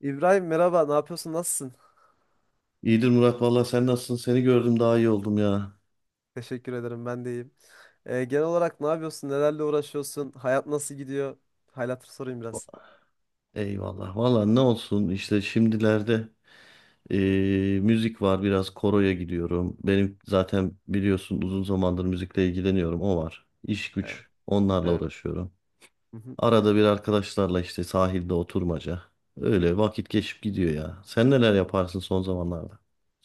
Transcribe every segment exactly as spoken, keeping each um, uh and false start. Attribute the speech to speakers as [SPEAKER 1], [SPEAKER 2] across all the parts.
[SPEAKER 1] İbrahim, merhaba, ne yapıyorsun, nasılsın?
[SPEAKER 2] İyidir Murat valla sen nasılsın? Seni gördüm daha iyi oldum ya.
[SPEAKER 1] Teşekkür ederim, ben de iyiyim. Ee, genel olarak ne yapıyorsun, nelerle uğraşıyorsun, hayat nasıl gidiyor? Hal sorayım biraz.
[SPEAKER 2] Eyvallah. Valla ne olsun işte şimdilerde eee, müzik var biraz koroya gidiyorum. Benim zaten biliyorsun uzun zamandır müzikle ilgileniyorum o var. İş
[SPEAKER 1] Evet.
[SPEAKER 2] güç onlarla
[SPEAKER 1] evet.
[SPEAKER 2] uğraşıyorum.
[SPEAKER 1] Hı hı.
[SPEAKER 2] Arada bir arkadaşlarla işte sahilde oturmaca. Öyle vakit geçip gidiyor ya. Sen neler yaparsın son zamanlarda?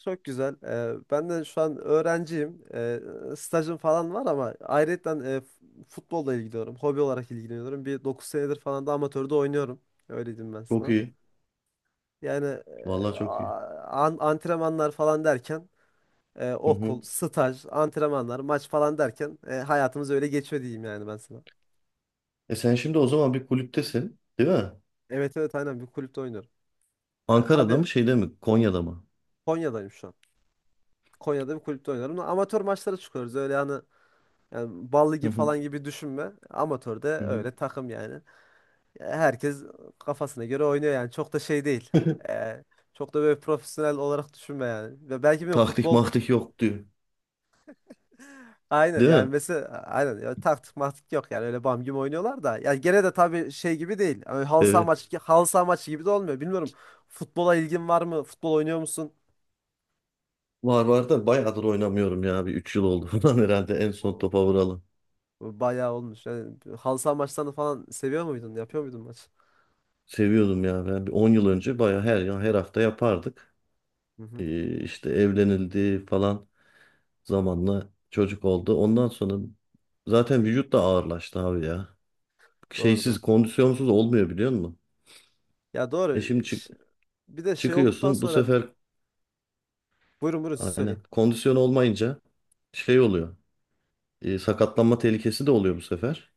[SPEAKER 1] Çok güzel. Ee, ben de şu an öğrenciyim. Ee, stajım falan var ama ayrıca futbolla ilgileniyorum. Hobi olarak ilgileniyorum. Bir dokuz senedir falan da amatörde oynuyorum. Öyle diyeyim ben
[SPEAKER 2] Çok
[SPEAKER 1] sana.
[SPEAKER 2] iyi.
[SPEAKER 1] Yani
[SPEAKER 2] Valla
[SPEAKER 1] e,
[SPEAKER 2] çok iyi.
[SPEAKER 1] a- an- antrenmanlar falan derken E,
[SPEAKER 2] Hı
[SPEAKER 1] okul,
[SPEAKER 2] hı.
[SPEAKER 1] staj, antrenmanlar, maç falan derken e, hayatımız öyle geçiyor, diyeyim yani ben sana.
[SPEAKER 2] E sen şimdi o zaman bir kulüptesin, değil mi?
[SPEAKER 1] Evet, evet, aynen, bir kulüpte oynuyorum. Yani
[SPEAKER 2] Ankara'da
[SPEAKER 1] tabii,
[SPEAKER 2] mı şeyde mi? Konya'da mı?
[SPEAKER 1] Konya'dayım şu an. Konya'da bir kulüpte oynuyorum. Amatör maçlara çıkıyoruz. Öyle hani, yani ballı
[SPEAKER 2] Hı
[SPEAKER 1] gibi
[SPEAKER 2] hı.
[SPEAKER 1] falan gibi düşünme. Amatörde
[SPEAKER 2] Hı hı.
[SPEAKER 1] öyle takım yani. Herkes kafasına göre oynuyor yani. Çok da şey değil. E, Çok da böyle profesyonel olarak düşünme yani. Ve belki bilmiyorum,
[SPEAKER 2] Taktik
[SPEAKER 1] futbol
[SPEAKER 2] maktik yok diyor.
[SPEAKER 1] aynen
[SPEAKER 2] Değil
[SPEAKER 1] yani
[SPEAKER 2] mi?
[SPEAKER 1] mesela, aynen ya, taktik maktik yok yani, öyle bam gibi oynuyorlar da ya, gene de tabii şey gibi değil. Yani halı saha
[SPEAKER 2] Evet.
[SPEAKER 1] maçı halı saha maçı gibi de olmuyor. Bilmiyorum, futbola ilgin var mı? Futbol oynuyor musun?
[SPEAKER 2] Var var da bayağıdır oynamıyorum ya. Bir üç yıl oldu falan herhalde en son topa vuralım.
[SPEAKER 1] Bayağı olmuş. Yani halı saha maçlarını falan seviyor muydun? Yapıyor muydun maç?
[SPEAKER 2] Seviyordum ya ben. Bir on yıl önce bayağı her ya her hafta yapardık.
[SPEAKER 1] Hı hı.
[SPEAKER 2] Ee, işte evlenildi falan zamanla çocuk oldu. Ondan sonra zaten vücut da ağırlaştı abi ya.
[SPEAKER 1] Doğru doğru.
[SPEAKER 2] Şeysiz kondisyonsuz olmuyor biliyor musun?
[SPEAKER 1] Ya
[SPEAKER 2] E
[SPEAKER 1] doğru.
[SPEAKER 2] şimdi çık
[SPEAKER 1] Ş- Bir de şey olduktan
[SPEAKER 2] çıkıyorsun bu
[SPEAKER 1] sonra,
[SPEAKER 2] sefer
[SPEAKER 1] buyurun buyurun siz söyleyin.
[SPEAKER 2] aynen kondisyon olmayınca şey oluyor. Ee, sakatlanma tehlikesi de oluyor bu sefer.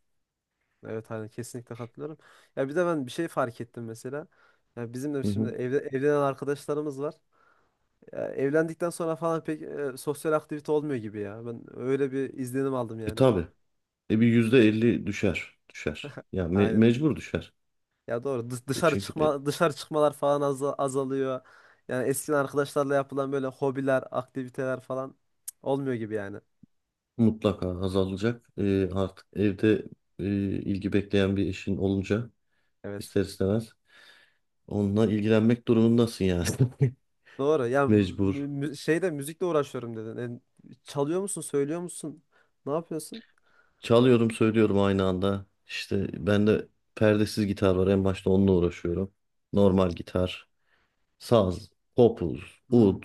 [SPEAKER 1] Evet aynen, kesinlikle katılıyorum. Ya bir de ben bir şey fark ettim mesela. Ya bizim de
[SPEAKER 2] Hı
[SPEAKER 1] şimdi
[SPEAKER 2] hı.
[SPEAKER 1] evde, evlenen arkadaşlarımız var. Ya evlendikten sonra falan pek e, sosyal aktivite olmuyor gibi ya. Ben öyle bir izlenim aldım
[SPEAKER 2] E
[SPEAKER 1] yani.
[SPEAKER 2] tabii. E bir yüzde elli düşer. Düşer. Ya me-
[SPEAKER 1] Aynen.
[SPEAKER 2] mecbur düşer.
[SPEAKER 1] Ya doğru. Dış-
[SPEAKER 2] E
[SPEAKER 1] Dışarı
[SPEAKER 2] çünkü e,
[SPEAKER 1] çıkma dışarı çıkmalar falan az azalıyor. Yani eskiden arkadaşlarla yapılan böyle hobiler, aktiviteler falan, cık, olmuyor gibi yani.
[SPEAKER 2] mutlaka azalacak. E, artık evde e, ilgi bekleyen bir eşin olunca
[SPEAKER 1] Evet.
[SPEAKER 2] ister istemez onunla ilgilenmek durumundasın yani.
[SPEAKER 1] Doğru. Ya mü-
[SPEAKER 2] Mecbur.
[SPEAKER 1] mü- şeyde müzikle uğraşıyorum dedin. E, çalıyor musun, söylüyor musun? Ne yapıyorsun?
[SPEAKER 2] Çalıyorum söylüyorum aynı anda. İşte bende perdesiz gitar var. En başta onunla uğraşıyorum. Normal gitar, saz, kopuz,
[SPEAKER 1] Hmm.
[SPEAKER 2] ud.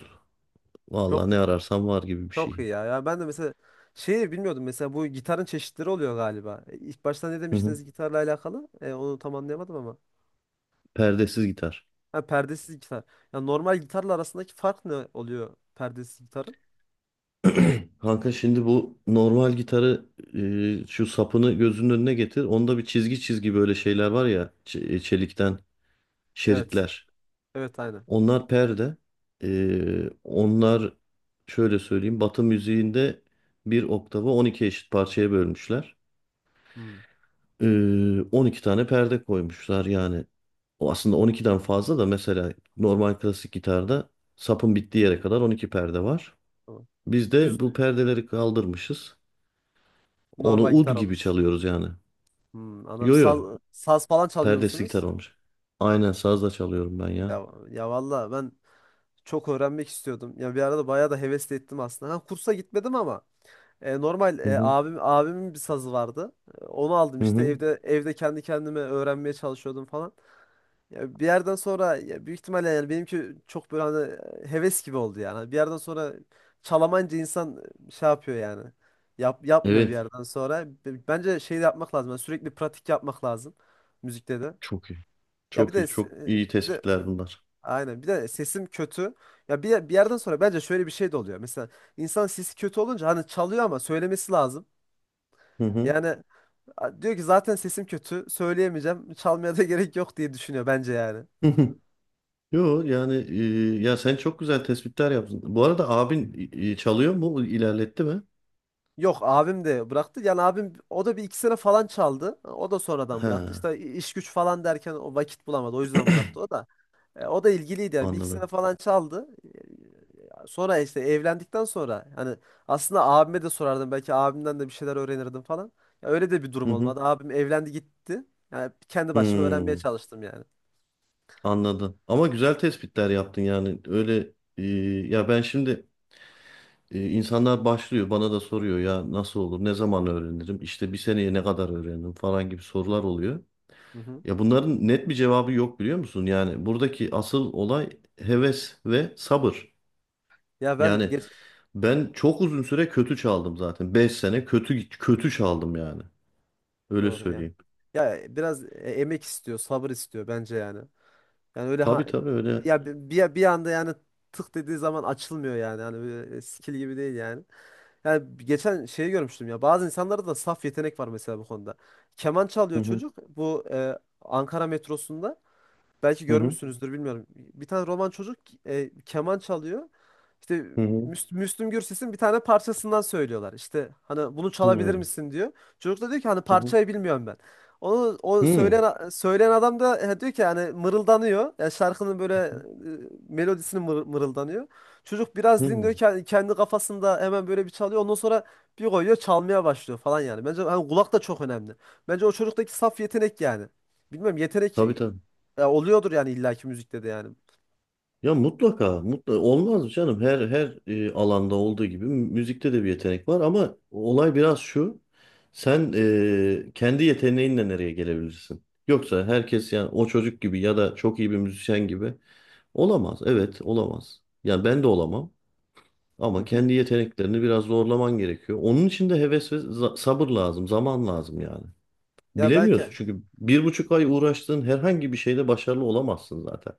[SPEAKER 2] Valla
[SPEAKER 1] Çok,
[SPEAKER 2] ne ararsam var gibi bir
[SPEAKER 1] çok
[SPEAKER 2] şey.
[SPEAKER 1] iyi ya. Ya ben de mesela şeyi bilmiyordum. Mesela bu gitarın çeşitleri oluyor galiba. E, İlk başta ne
[SPEAKER 2] Hı hı.
[SPEAKER 1] demiştiniz gitarla alakalı? E, onu tam anlayamadım ama.
[SPEAKER 2] Perdesiz gitar.
[SPEAKER 1] Ha, perdesiz gitar. Ya, normal gitarla arasındaki fark ne oluyor perdesiz gitarın?
[SPEAKER 2] Kanka şimdi bu normal gitarı e, şu sapını gözünün önüne getir. Onda bir çizgi çizgi böyle şeyler var ya ç- e, çelikten
[SPEAKER 1] Evet.
[SPEAKER 2] şeritler.
[SPEAKER 1] Evet aynen.
[SPEAKER 2] Onlar perde. E, onlar şöyle söyleyeyim Batı müziğinde bir oktavı on iki eşit parçaya bölmüşler.
[SPEAKER 1] Hmm.
[SPEAKER 2] E, on iki tane perde koymuşlar yani. O aslında on ikiden fazla da mesela normal klasik gitarda sapın bittiği yere kadar on iki perde var.
[SPEAKER 1] Tamam.
[SPEAKER 2] Biz
[SPEAKER 1] Düz
[SPEAKER 2] de bu perdeleri kaldırmışız. Onu
[SPEAKER 1] normal
[SPEAKER 2] ud
[SPEAKER 1] gitar
[SPEAKER 2] gibi
[SPEAKER 1] olmuş.
[SPEAKER 2] çalıyoruz yani.
[SPEAKER 1] Hmm, anladım.
[SPEAKER 2] Yo
[SPEAKER 1] Saz,
[SPEAKER 2] yo.
[SPEAKER 1] saz falan çalıyor
[SPEAKER 2] Perdesi gitar
[SPEAKER 1] musunuz?
[SPEAKER 2] olmuş. Aynen sazla çalıyorum ben ya.
[SPEAKER 1] Ya, ya valla ben çok öğrenmek istiyordum. Ya bir arada bayağı da hevesli ettim aslında. Ha, kursa gitmedim ama E, normal,
[SPEAKER 2] Hı
[SPEAKER 1] e,
[SPEAKER 2] hı.
[SPEAKER 1] abim abimin bir sazı vardı. E, Onu aldım,
[SPEAKER 2] Hı
[SPEAKER 1] işte
[SPEAKER 2] hı.
[SPEAKER 1] evde evde kendi kendime öğrenmeye çalışıyordum falan. Ya bir yerden sonra, ya büyük ihtimalle yani benimki çok böyle hani e, heves gibi oldu yani. Bir yerden sonra çalamayınca insan e, şey yapıyor yani. Yap, yapmıyor bir
[SPEAKER 2] Evet.
[SPEAKER 1] yerden sonra. B- Bence şey de yapmak lazım. Yani sürekli pratik yapmak lazım müzikte de.
[SPEAKER 2] Çok iyi.
[SPEAKER 1] Ya bir
[SPEAKER 2] Çok
[SPEAKER 1] de
[SPEAKER 2] iyi.
[SPEAKER 1] s-
[SPEAKER 2] Çok iyi
[SPEAKER 1] e, bir de
[SPEAKER 2] tespitler bunlar.
[SPEAKER 1] aynen bir de sesim kötü. Ya bir, bir yerden sonra bence şöyle bir şey de oluyor. Mesela insan sesi kötü olunca hani çalıyor ama söylemesi lazım.
[SPEAKER 2] Hı hı.
[SPEAKER 1] Yani a- diyor ki zaten sesim kötü. Söyleyemeyeceğim. Çalmaya da gerek yok diye düşünüyor bence yani.
[SPEAKER 2] Hı hı. Yo yani e, ya sen çok güzel tespitler yaptın. Bu arada abin e, çalıyor mu? İlerletti mi?
[SPEAKER 1] Yok, abim de bıraktı. Yani abim, o da bir iki sene falan çaldı. O da sonradan bıraktı.
[SPEAKER 2] Ha,
[SPEAKER 1] İşte iş güç falan derken o vakit bulamadı. O yüzden bıraktı o da. E, o da ilgiliydi yani. Bir iki
[SPEAKER 2] anladım.
[SPEAKER 1] sene falan çaldı. E, Sonra işte, evlendikten sonra hani aslında abime de sorardım. Belki abimden de bir şeyler öğrenirdim falan. Ya öyle de bir
[SPEAKER 2] Hı
[SPEAKER 1] durum
[SPEAKER 2] hı.
[SPEAKER 1] olmadı. Abim evlendi gitti. Yani kendi başıma öğrenmeye
[SPEAKER 2] Hmm,
[SPEAKER 1] çalıştım yani.
[SPEAKER 2] anladım. Ama güzel tespitler yaptın yani. Öyle e, ya ben şimdi, Ee, insanlar başlıyor bana da soruyor ya nasıl olur ne zaman öğrenirim işte bir seneye ne kadar öğrenirim falan gibi sorular oluyor.
[SPEAKER 1] Hı hı.
[SPEAKER 2] Ya bunların net bir cevabı yok biliyor musun? Yani buradaki asıl olay heves ve sabır.
[SPEAKER 1] Ya ben
[SPEAKER 2] Yani
[SPEAKER 1] geç
[SPEAKER 2] ben çok uzun süre kötü çaldım zaten. Beş sene kötü kötü çaldım yani. Öyle
[SPEAKER 1] Doğru ya.
[SPEAKER 2] söyleyeyim.
[SPEAKER 1] Ya biraz e, emek istiyor, sabır istiyor bence yani. Yani öyle, ha,
[SPEAKER 2] Tabii tabii öyle.
[SPEAKER 1] ya bi- bir bir anda yani tık dediği zaman açılmıyor yani. Hani böyle e, skill gibi değil yani. Yani geçen şeyi görmüştüm ya. Bazı insanlarda da saf yetenek var mesela bu konuda. Keman
[SPEAKER 2] Hı
[SPEAKER 1] çalıyor
[SPEAKER 2] hı
[SPEAKER 1] çocuk, bu e, Ankara metrosunda. Belki
[SPEAKER 2] hı hı
[SPEAKER 1] görmüşsünüzdür bilmiyorum. Bir tane Roman çocuk e, keman çalıyor. İşte
[SPEAKER 2] hı
[SPEAKER 1] Müs- Müslüm Gürses'in bir tane parçasından söylüyorlar. İşte hani bunu
[SPEAKER 2] hı
[SPEAKER 1] çalabilir
[SPEAKER 2] hı
[SPEAKER 1] misin diyor. Çocuk da diyor ki hani
[SPEAKER 2] hı hı.
[SPEAKER 1] parçayı bilmiyorum ben. Onu, o
[SPEAKER 2] Hı.
[SPEAKER 1] söyleyen söyleyen adam da e, diyor ki, hani mırıldanıyor. Yani şarkının böyle e, melodisini mır- mırıldanıyor. Çocuk biraz
[SPEAKER 2] Hı.
[SPEAKER 1] dinliyor, ke- kendi kafasında hemen böyle bir çalıyor. Ondan sonra bir koyuyor, çalmaya başlıyor falan yani. Bence hani kulak da çok önemli. Bence o çocuktaki saf yetenek yani. Bilmiyorum, yetenek
[SPEAKER 2] Tabii tabii.
[SPEAKER 1] ya oluyordur yani illaki müzikte de yani.
[SPEAKER 2] Ya mutlaka, mutlaka olmaz mı canım? Her her e, alanda olduğu gibi müzikte de bir yetenek var ama olay biraz şu. Sen e, kendi yeteneğinle nereye gelebilirsin? Yoksa herkes yani o çocuk gibi ya da çok iyi bir müzisyen gibi olamaz. Evet, olamaz. Yani ben de olamam
[SPEAKER 1] Hı
[SPEAKER 2] ama
[SPEAKER 1] hı.
[SPEAKER 2] kendi yeteneklerini biraz zorlaman gerekiyor. Onun için de heves ve za- sabır lazım, zaman lazım yani.
[SPEAKER 1] Ya
[SPEAKER 2] Bilemiyorsun
[SPEAKER 1] belki,
[SPEAKER 2] çünkü bir buçuk ay uğraştığın herhangi bir şeyde başarılı olamazsın zaten.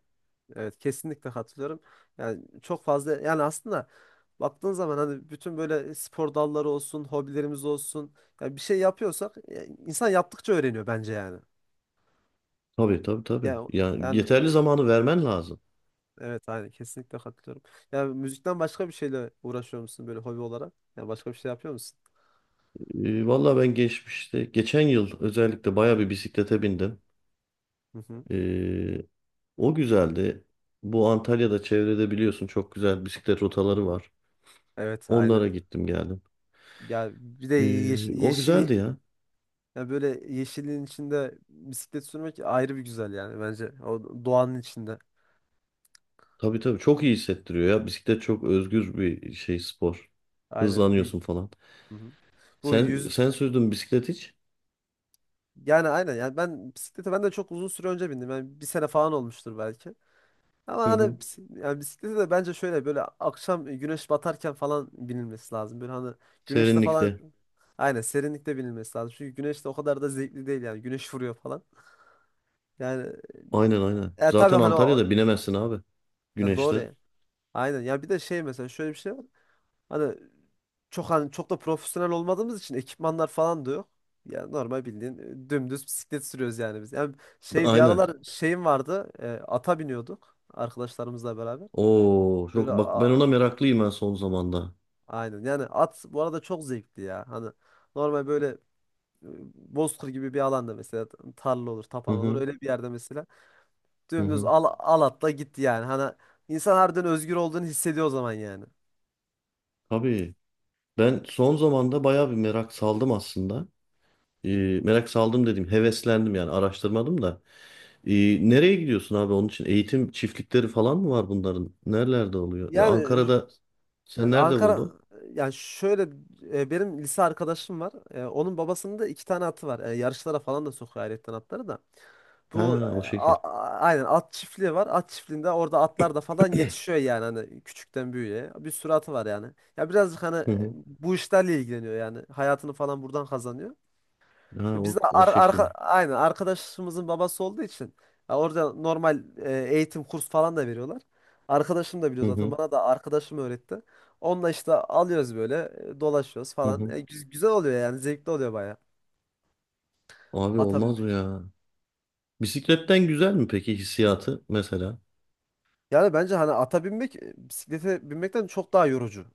[SPEAKER 1] evet kesinlikle katılıyorum. Yani çok fazla yani aslında, baktığın zaman hani bütün böyle spor dalları olsun, hobilerimiz olsun. Yani bir şey yapıyorsak ya, insan yaptıkça öğreniyor bence yani.
[SPEAKER 2] Tabii tabii tabii.
[SPEAKER 1] Ya
[SPEAKER 2] Ya
[SPEAKER 1] yani
[SPEAKER 2] yeterli
[SPEAKER 1] o-
[SPEAKER 2] zamanı vermen lazım.
[SPEAKER 1] evet, aynı kesinlikle katılıyorum. Yani müzikten başka bir şeyle uğraşıyor musun böyle hobi olarak? Yani başka bir şey yapıyor musun?
[SPEAKER 2] Ee, valla ben geçmişte, geçen yıl özellikle baya bir bisiklete bindim.
[SPEAKER 1] Hı hı.
[SPEAKER 2] Ee, o güzeldi. Bu Antalya'da çevrede biliyorsun çok güzel bisiklet rotaları var.
[SPEAKER 1] Evet aynen.
[SPEAKER 2] Onlara gittim geldim.
[SPEAKER 1] Ya bir de
[SPEAKER 2] Ee, o
[SPEAKER 1] yeşil,
[SPEAKER 2] güzeldi ya.
[SPEAKER 1] Ya böyle yeşilliğin içinde bisiklet sürmek ayrı bir güzel yani bence. O doğanın içinde.
[SPEAKER 2] Tabii tabii çok iyi hissettiriyor ya. Bisiklet çok özgür bir şey spor.
[SPEAKER 1] Aynen. Y-
[SPEAKER 2] Hızlanıyorsun falan.
[SPEAKER 1] Hı hı. Bu
[SPEAKER 2] Sen
[SPEAKER 1] yüz
[SPEAKER 2] sen sürdün bisiklet hiç?
[SPEAKER 1] Yani aynen yani, ben bisiklete ben de çok uzun süre önce bindim. Yani bir sene falan olmuştur belki. Ama
[SPEAKER 2] Hı hı.
[SPEAKER 1] hani bisi- yani bisiklete de bence şöyle, böyle akşam güneş batarken falan binilmesi lazım. Böyle hani güneşte falan,
[SPEAKER 2] Serinlikte.
[SPEAKER 1] aynen serinlikte binilmesi lazım. Çünkü güneşte o kadar da zevkli değil yani. Güneş vuruyor falan. Yani
[SPEAKER 2] Aynen aynen.
[SPEAKER 1] e, tabii
[SPEAKER 2] Zaten
[SPEAKER 1] hani o-
[SPEAKER 2] Antalya'da binemezsin abi
[SPEAKER 1] ya, doğru
[SPEAKER 2] güneşte.
[SPEAKER 1] ya. Aynen. Ya bir de şey, mesela şöyle bir şey var. Hani çok hani çok da profesyonel olmadığımız için ekipmanlar falan da yok. Yani normal bildiğin e, dümdüz bisiklet sürüyoruz yani biz. Yani şey, bir
[SPEAKER 2] Aynen.
[SPEAKER 1] aralar şeyim vardı. E, ata biniyorduk arkadaşlarımızla beraber.
[SPEAKER 2] Oo çok
[SPEAKER 1] Böyle
[SPEAKER 2] bak ben
[SPEAKER 1] a-
[SPEAKER 2] ona meraklıyım ben son zamanda.
[SPEAKER 1] aynen. Yani at, bu arada, çok zevkli ya. Hani normal böyle e, bozkır gibi bir alanda mesela, tarla olur,
[SPEAKER 2] Hı
[SPEAKER 1] tapan olur.
[SPEAKER 2] hı
[SPEAKER 1] Öyle bir yerde mesela
[SPEAKER 2] hı
[SPEAKER 1] dümdüz
[SPEAKER 2] hı.
[SPEAKER 1] al, al atla gitti yani. Hani insan harbiden özgür olduğunu hissediyor o zaman yani.
[SPEAKER 2] Tabii. Ben son zamanda bayağı bir merak saldım aslında. Ee, merak saldım dedim, heveslendim yani araştırmadım da. Ee, nereye gidiyorsun abi onun için? Eğitim çiftlikleri falan mı var bunların? Nerelerde oluyor? Ve
[SPEAKER 1] Yani e,
[SPEAKER 2] Ankara'da sen nerede
[SPEAKER 1] Ankara
[SPEAKER 2] buldun?
[SPEAKER 1] yani şöyle, e, benim lise arkadaşım var. E, onun babasının da iki tane atı var. E, yarışlara falan da sokuyor ayrıyetten atları da. Bu e,
[SPEAKER 2] Ha o
[SPEAKER 1] a-
[SPEAKER 2] şekil.
[SPEAKER 1] a- Aynen, at çiftliği var. At çiftliğinde orada atlar da falan yetişiyor yani, hani küçükten büyüğe. Bir sürü atı var yani. Ya birazcık hani
[SPEAKER 2] Hı
[SPEAKER 1] e,
[SPEAKER 2] hı.
[SPEAKER 1] bu işlerle ilgileniyor yani. Hayatını falan buradan kazanıyor.
[SPEAKER 2] Ha
[SPEAKER 1] Ve biz
[SPEAKER 2] o,
[SPEAKER 1] de
[SPEAKER 2] o
[SPEAKER 1] ar arka
[SPEAKER 2] şekil.
[SPEAKER 1] aynen arkadaşımızın babası olduğu için, ya orada normal e, eğitim, kurs falan da veriyorlar. Arkadaşım da biliyor
[SPEAKER 2] Hı
[SPEAKER 1] zaten,
[SPEAKER 2] hı
[SPEAKER 1] bana da arkadaşım öğretti. Onunla işte alıyoruz böyle, e, dolaşıyoruz
[SPEAKER 2] hı
[SPEAKER 1] falan.
[SPEAKER 2] hı.
[SPEAKER 1] E, güz- güzel oluyor yani, zevkli oluyor baya
[SPEAKER 2] Abi
[SPEAKER 1] ata
[SPEAKER 2] olmaz mı
[SPEAKER 1] binmek.
[SPEAKER 2] ya? Bisikletten güzel mi peki hissiyatı mesela?
[SPEAKER 1] Yani bence hani ata binmek e, bisiklete binmekten çok daha yorucu.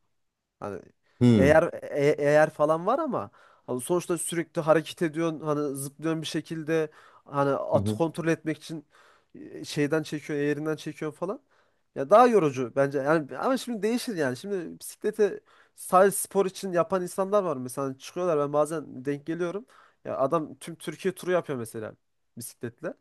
[SPEAKER 1] Hani
[SPEAKER 2] Hı
[SPEAKER 1] eğer e- eğer falan var ama hani sonuçta sürekli hareket ediyorsun, hani zıplıyorsun bir şekilde, hani
[SPEAKER 2] hı
[SPEAKER 1] atı
[SPEAKER 2] hı.
[SPEAKER 1] kontrol etmek için e, şeyden çekiyorsun, eğerinden çekiyorsun falan. Ya daha yorucu bence. Yani ama şimdi değişir yani. Şimdi bisiklete sadece spor için yapan insanlar var mesela. Hani çıkıyorlar, ben bazen denk geliyorum. Ya adam tüm Türkiye turu yapıyor mesela bisikletle.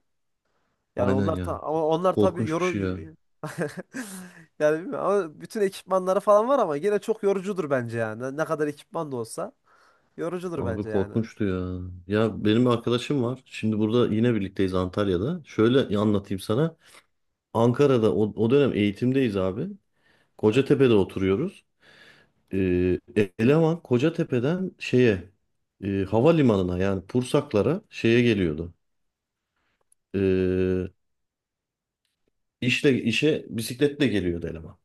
[SPEAKER 1] Yani
[SPEAKER 2] Aynen
[SPEAKER 1] onlar ta
[SPEAKER 2] ya.
[SPEAKER 1] ama onlar tabii
[SPEAKER 2] Korkunç bir
[SPEAKER 1] yoru
[SPEAKER 2] şey ya.
[SPEAKER 1] yani bilmiyorum ama bütün ekipmanları falan var ama gene çok yorucudur bence yani. Ne kadar ekipman da olsa yorucudur
[SPEAKER 2] Abi
[SPEAKER 1] bence yani.
[SPEAKER 2] korkunçtu ya. Ya benim bir arkadaşım var. Şimdi burada yine birlikteyiz Antalya'da. Şöyle anlatayım sana. Ankara'da o, o dönem eğitimdeyiz abi.
[SPEAKER 1] Evet.
[SPEAKER 2] Kocatepe'de oturuyoruz. Ee, eleman Kocatepe'den şeye e, havalimanına yani Pursaklara şeye geliyordu. Ee, işle işe bisikletle geliyordu eleman.